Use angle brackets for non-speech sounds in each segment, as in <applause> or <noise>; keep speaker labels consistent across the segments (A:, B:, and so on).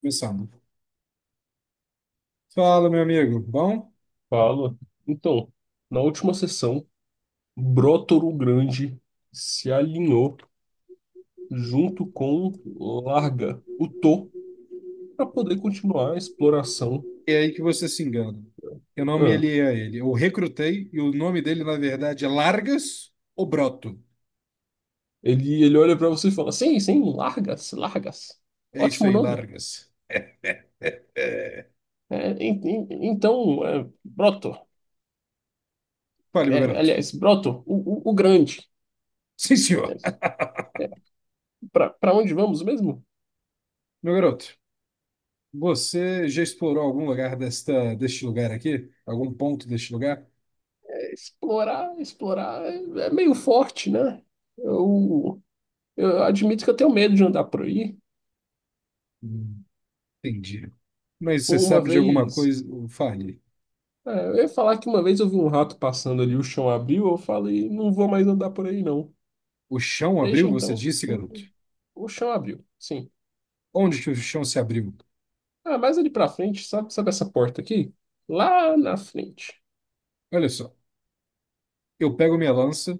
A: Começando. Fala, meu amigo. Bom,
B: Fala. Então, na última sessão, Brotoru Grande se alinhou junto com Larga, o Tô, para poder continuar a exploração.
A: é aí que você se engana. Eu não me
B: Ah,
A: aliei a ele. Eu recrutei e o nome dele, na verdade, é Largas ou Broto.
B: ele olha para você e fala: Sim, sim, Largas, Largas.
A: É isso
B: Ótimo
A: aí,
B: nome.
A: Largas. <laughs>
B: É, então, é, Broto,
A: Fale, meu
B: é,
A: garoto.
B: aliás, Broto, o Grande.
A: Sim, senhor.
B: É,
A: <laughs>
B: é, Para onde vamos mesmo?
A: Meu garoto, você já explorou algum lugar deste lugar aqui? Algum ponto deste lugar?
B: É, explorar, explorar é meio forte, né? Eu. Eu admito que eu tenho medo de andar por aí.
A: Hum, entendi. Mas você
B: Uma
A: sabe de alguma
B: vez.
A: coisa? Fale.
B: Eu ia falar que uma vez eu vi um rato passando ali, o chão abriu, eu falei, não vou mais andar por aí, não.
A: O chão
B: Deixa
A: abriu, você
B: então.
A: disse,
B: O,
A: garoto?
B: o chão abriu, sim.
A: Onde que o chão se abriu?
B: Ah, mas ali pra frente, sabe essa porta aqui? Lá na frente.
A: Olha só. Eu pego minha lança,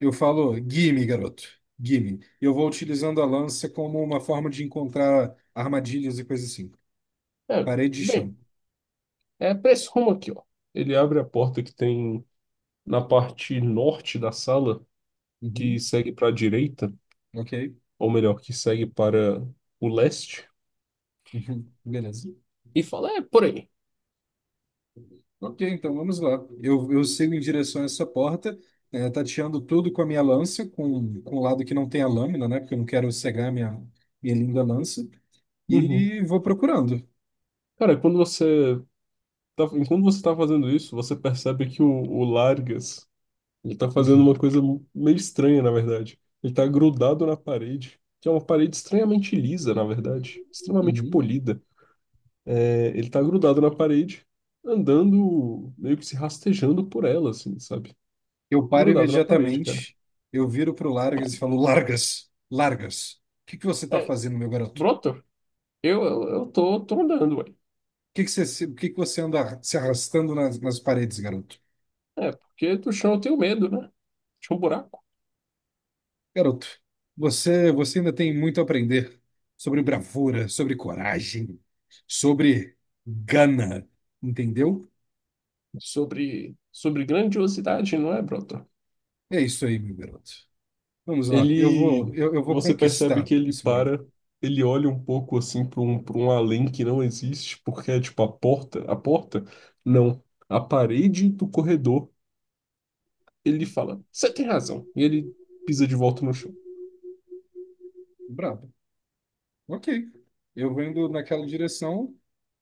A: eu falo, gimme, garoto, gimme. E eu vou utilizando a lança como uma forma de encontrar armadilhas e coisas assim.
B: É,
A: Parede e
B: bem,
A: chão.
B: é pra esse rumo aqui, ó. Ele abre a porta que tem na parte norte da sala, que
A: Uhum,
B: segue pra direita,
A: ok.
B: ou melhor, que segue para o leste,
A: Uhum, beleza.
B: e fala, é por aí.
A: Ok, então vamos lá. Eu sigo em direção a essa porta, tateando tudo com a minha lança, com o lado que não tem a lâmina, né? Porque eu não quero cegar minha linda lança.
B: Uhum.
A: E vou procurando.
B: Cara, enquanto você tá fazendo isso, você percebe que o Largas, ele tá fazendo uma coisa meio estranha, na verdade. Ele tá grudado na parede, que é uma parede estranhamente lisa, na verdade, extremamente
A: <laughs>
B: polida. Ele tá grudado na parede, andando, meio que se rastejando por ela, assim, sabe?
A: Eu paro
B: Grudado na parede, cara.
A: imediatamente, eu viro pro Largas e falo, Largas, Largas, o que que você está
B: É,
A: fazendo, meu garoto? O
B: Broto, eu tô andando, ué.
A: que que você, o que que você anda se arrastando nas paredes, garoto?
B: Porque do chão eu tenho medo, né? Tinha um buraco
A: Garoto, você ainda tem muito a aprender sobre bravura, sobre coragem, sobre gana, entendeu?
B: sobre grandiosidade, não é, broto?
A: É isso aí, meu garoto. Vamos lá,
B: Ele,
A: eu vou
B: Você percebe
A: conquistar
B: que ele
A: esse brabo.
B: para, ele olha um pouco assim para um além que não existe, porque é tipo a porta, não, a parede do corredor. Ele fala, você tem razão. E ele pisa de volta no chão.
A: Brabo. Ok. Eu vou indo naquela direção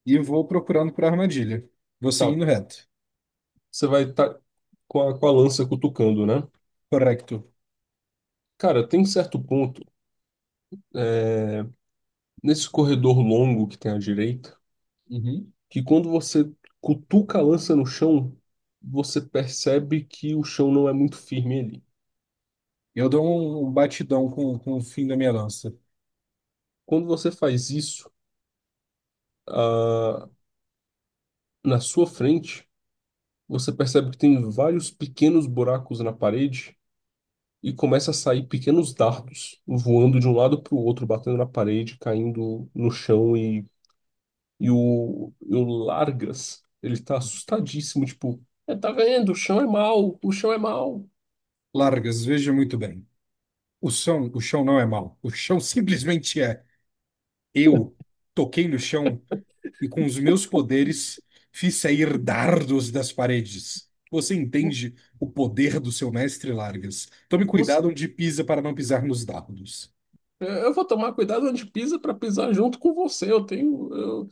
A: e vou procurando por armadilha. Vou
B: Tá,
A: seguindo reto.
B: você vai estar com a lança cutucando, né?
A: Correto.
B: Cara, tem certo ponto, é, nesse corredor longo que tem à direita,
A: Uhum.
B: que quando você cutuca a lança no chão, você percebe que o chão não é muito firme ali.
A: Eu dou um batidão com o fim da minha lança.
B: Quando você faz isso, ah, na sua frente, você percebe que tem vários pequenos buracos na parede e começa a sair pequenos dardos voando de um lado para o outro, batendo na parede, caindo no chão e o Largas, ele tá assustadíssimo, tipo, "É, tá vendo? O chão é mau, o chão é mau.
A: Largas, veja muito bem. O chão não é mau. O chão simplesmente é. Eu toquei no chão e com os meus poderes fiz sair dardos das paredes. Você
B: Vo-
A: entende o poder do seu mestre Largas. Tome cuidado
B: Você,
A: onde pisa para não pisar nos dardos.
B: eu vou tomar cuidado onde pisa para pisar junto com você.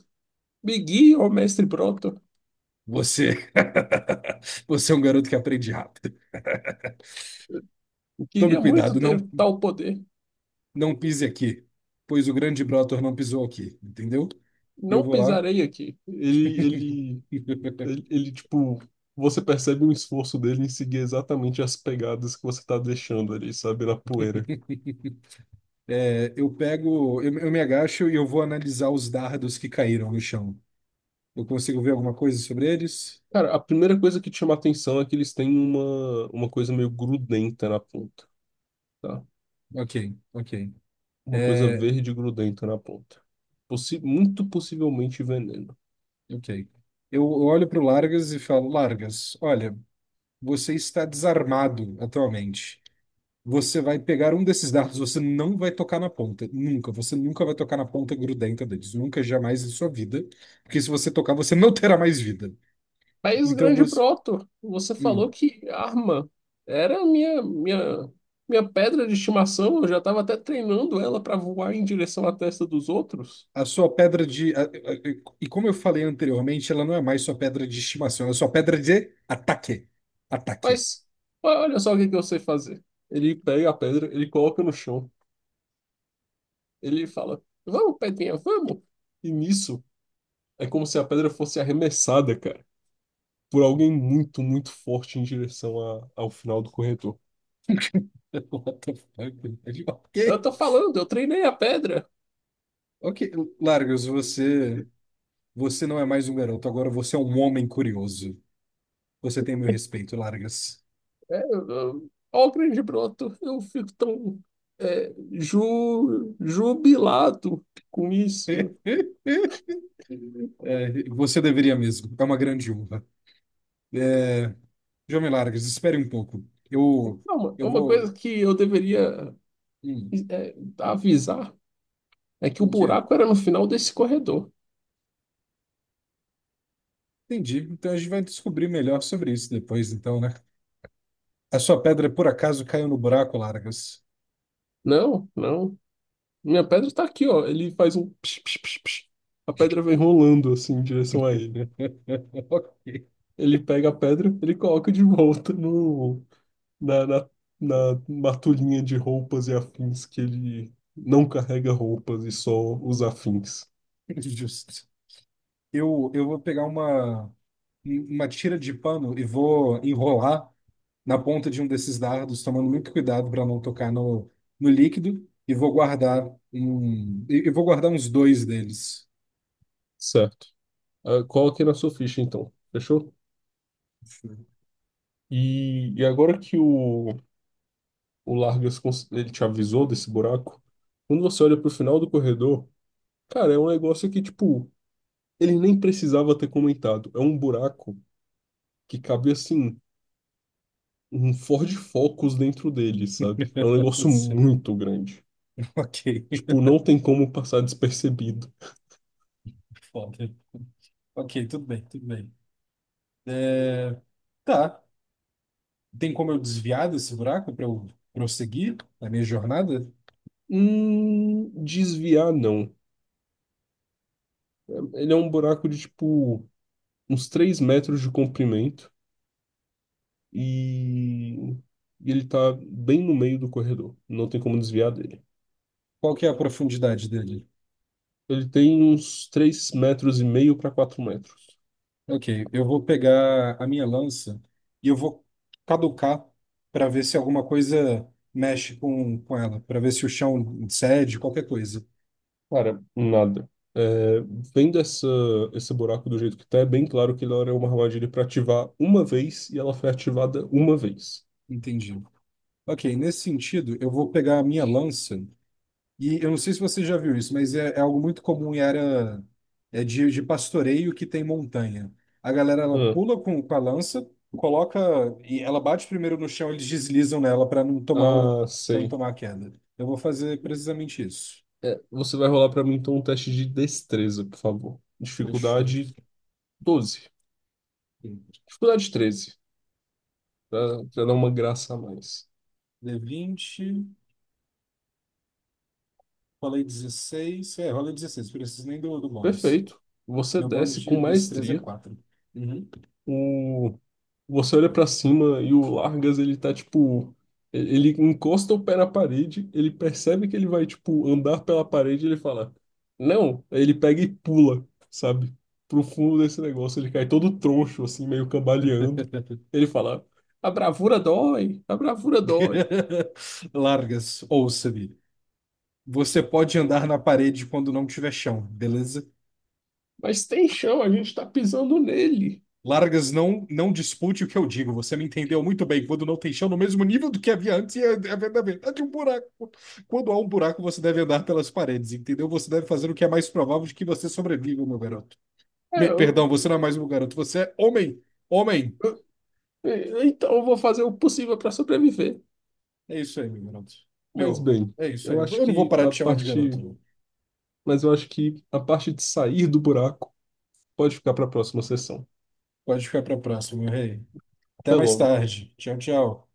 B: Me guia, ó mestre Broto.
A: Você, <laughs> você é um garoto que aprende rápido.
B: Eu
A: Tome
B: queria muito
A: cuidado,
B: ter tal poder.
A: não pise aqui, pois o grande Brotor não pisou aqui, entendeu? E eu
B: Não
A: vou lá.
B: pisarei aqui. Ele, ele,
A: <laughs>
B: ele, ele, tipo, você percebe um esforço dele em seguir exatamente as pegadas que você tá deixando ali, sabe, na poeira.
A: É, eu me agacho e eu vou analisar os dardos que caíram no chão. Eu consigo ver alguma coisa sobre eles?
B: Cara, a primeira coisa que te chama a atenção é que eles têm uma coisa meio grudenta na ponta, tá?
A: Ok, ok.
B: Uma coisa
A: É,
B: verde grudenta na ponta. Possi Muito possivelmente veneno.
A: ok. Eu olho para o Largas e falo, Largas, olha, você está desarmado atualmente. Você vai pegar um desses dardos, você não vai tocar na ponta. Nunca. Você nunca vai tocar na ponta grudenta deles. Nunca, jamais em sua vida. Porque se você tocar, você não terá mais vida.
B: Mas,
A: Então
B: grande
A: você.
B: Proto, você
A: Hum,
B: falou que arma era a minha pedra de estimação. Eu já estava até treinando ela para voar em direção à testa dos outros.
A: a sua pedra de. E como eu falei anteriormente, ela não é mais sua pedra de estimação, ela é sua pedra de ataque. Ataque.
B: Mas olha só o que que eu sei fazer. Ele pega a pedra, ele coloca no chão. Ele fala: Vamos, pedrinha, vamos. E nisso, é como se a pedra fosse arremessada, cara, por alguém muito, muito forte em direção ao final do corredor.
A: <laughs> What the fuck? <laughs>
B: Eu
A: Ok.
B: tô falando, eu treinei a pedra.
A: Ok, Largos, você não é mais um garoto, agora você é um homem curioso. Você tem meu respeito, Largas.
B: Ó, o grande broto, eu fico tão jubilado com isso.
A: <laughs> É, você deveria mesmo, é uma grande honra. É, jovem Largas, espere um pouco. Eu,
B: Não, uma é
A: eu
B: uma
A: vou.
B: coisa que eu deveria
A: Hum,
B: é, avisar é que o
A: o quê?
B: buraco era no final desse corredor.
A: Entendi. Então a gente vai descobrir melhor sobre isso depois, então, né? A sua pedra por acaso caiu no buraco, Largas?
B: Não, não. Minha pedra está aqui, ó. Ele faz um psh, psh, psh, psh. A pedra vem rolando assim em direção a ele.
A: <laughs> Ok,
B: Ele pega a pedra, ele coloca de volta no, na, na, na matulhinha de roupas e afins que ele não carrega roupas e só os afins.
A: justo. Eu vou pegar uma tira de pano e vou enrolar na ponta de um desses dardos, tomando muito cuidado para não tocar no líquido, e vou guardar e vou guardar uns dois deles.
B: Certo. Ah, coloque na sua ficha, então. Fechou? E agora que o Largas ele te avisou desse buraco, quando você olha pro final do corredor, cara, é um negócio que, tipo, ele nem precisava ter comentado. É um buraco que cabe assim, um Ford Focus dentro dele, sabe? É um
A: <laughs>
B: negócio
A: Sim.
B: muito grande.
A: Ok,
B: Tipo, não tem como passar despercebido.
A: foda. Ok, tudo bem, tudo bem. É, tá. Tem como eu desviar desse buraco para eu prosseguir a minha jornada?
B: Desviar, não. Ele é um buraco de, tipo, uns 3 metros de comprimento e... e ele tá bem no meio do corredor. Não tem como desviar dele.
A: Qual que é a profundidade dele?
B: Ele tem uns 3,5 metros para 4 metros.
A: Ok, eu vou pegar a minha lança e eu vou caducar para ver se alguma coisa mexe com ela, para ver se o chão cede, qualquer coisa.
B: Cara, nada. É, Vendo essa, esse buraco do jeito que tá, é bem claro que ele era uma armadilha pra ativar uma vez e ela foi ativada uma vez.
A: Entendi. Ok, nesse sentido, eu vou pegar a minha lança e eu não sei se você já viu isso, mas é, é algo muito comum em área é de pastoreio que tem montanha. A galera ela
B: Ah,
A: pula com a lança, coloca e ela bate primeiro no chão, eles deslizam nela para não tomar
B: ah,
A: para não
B: sei.
A: tomar a queda. Eu vou fazer precisamente isso.
B: Você vai rolar pra mim então um teste de destreza, por favor.
A: Deixa eu ver.
B: Dificuldade 12. Dificuldade 13, pra dar uma graça a mais.
A: D20. Falei 16. É, rolei 16. Preciso nem do bônus.
B: Perfeito. Você
A: Meu bônus
B: desce
A: de
B: com
A: destreza é
B: maestria.
A: 4. Uhum.
B: o, Você olha pra cima e o Largas, ele tá tipo. Ele encosta o pé na parede, ele percebe que ele vai, tipo, andar pela parede e ele fala: Não! Aí ele pega e pula, sabe? Pro fundo desse negócio. Ele cai todo troncho, assim, meio cambaleando. Ele fala: A bravura dói, a bravura dói.
A: <laughs> Largas, ouça-me. Você pode andar na parede quando não tiver chão, beleza?
B: Mas tem chão, a gente tá pisando nele.
A: Largas, não dispute o que eu digo. Você me entendeu muito bem. Quando não tem chão, no mesmo nível do que havia antes, é a verdade é de um buraco. Quando há um buraco, você deve andar pelas paredes, entendeu? Você deve fazer o que é mais provável de que você sobreviva, meu garoto.
B: É,
A: Perdão,
B: eu...
A: você não é mais um garoto, você é homem. Homem.
B: Então eu vou fazer o possível pra sobreviver.
A: É isso aí, meu garoto.
B: Mas
A: Meu,
B: bem,
A: é isso
B: eu
A: aí.
B: acho
A: Eu não vou
B: que
A: parar
B: a
A: de chamar de
B: parte.
A: garoto.
B: Mas eu acho que a parte de sair do buraco pode ficar para a próxima sessão.
A: Pode ficar para a próxima, meu rei. Até
B: Até
A: mais
B: logo.
A: tarde. Tchau, tchau.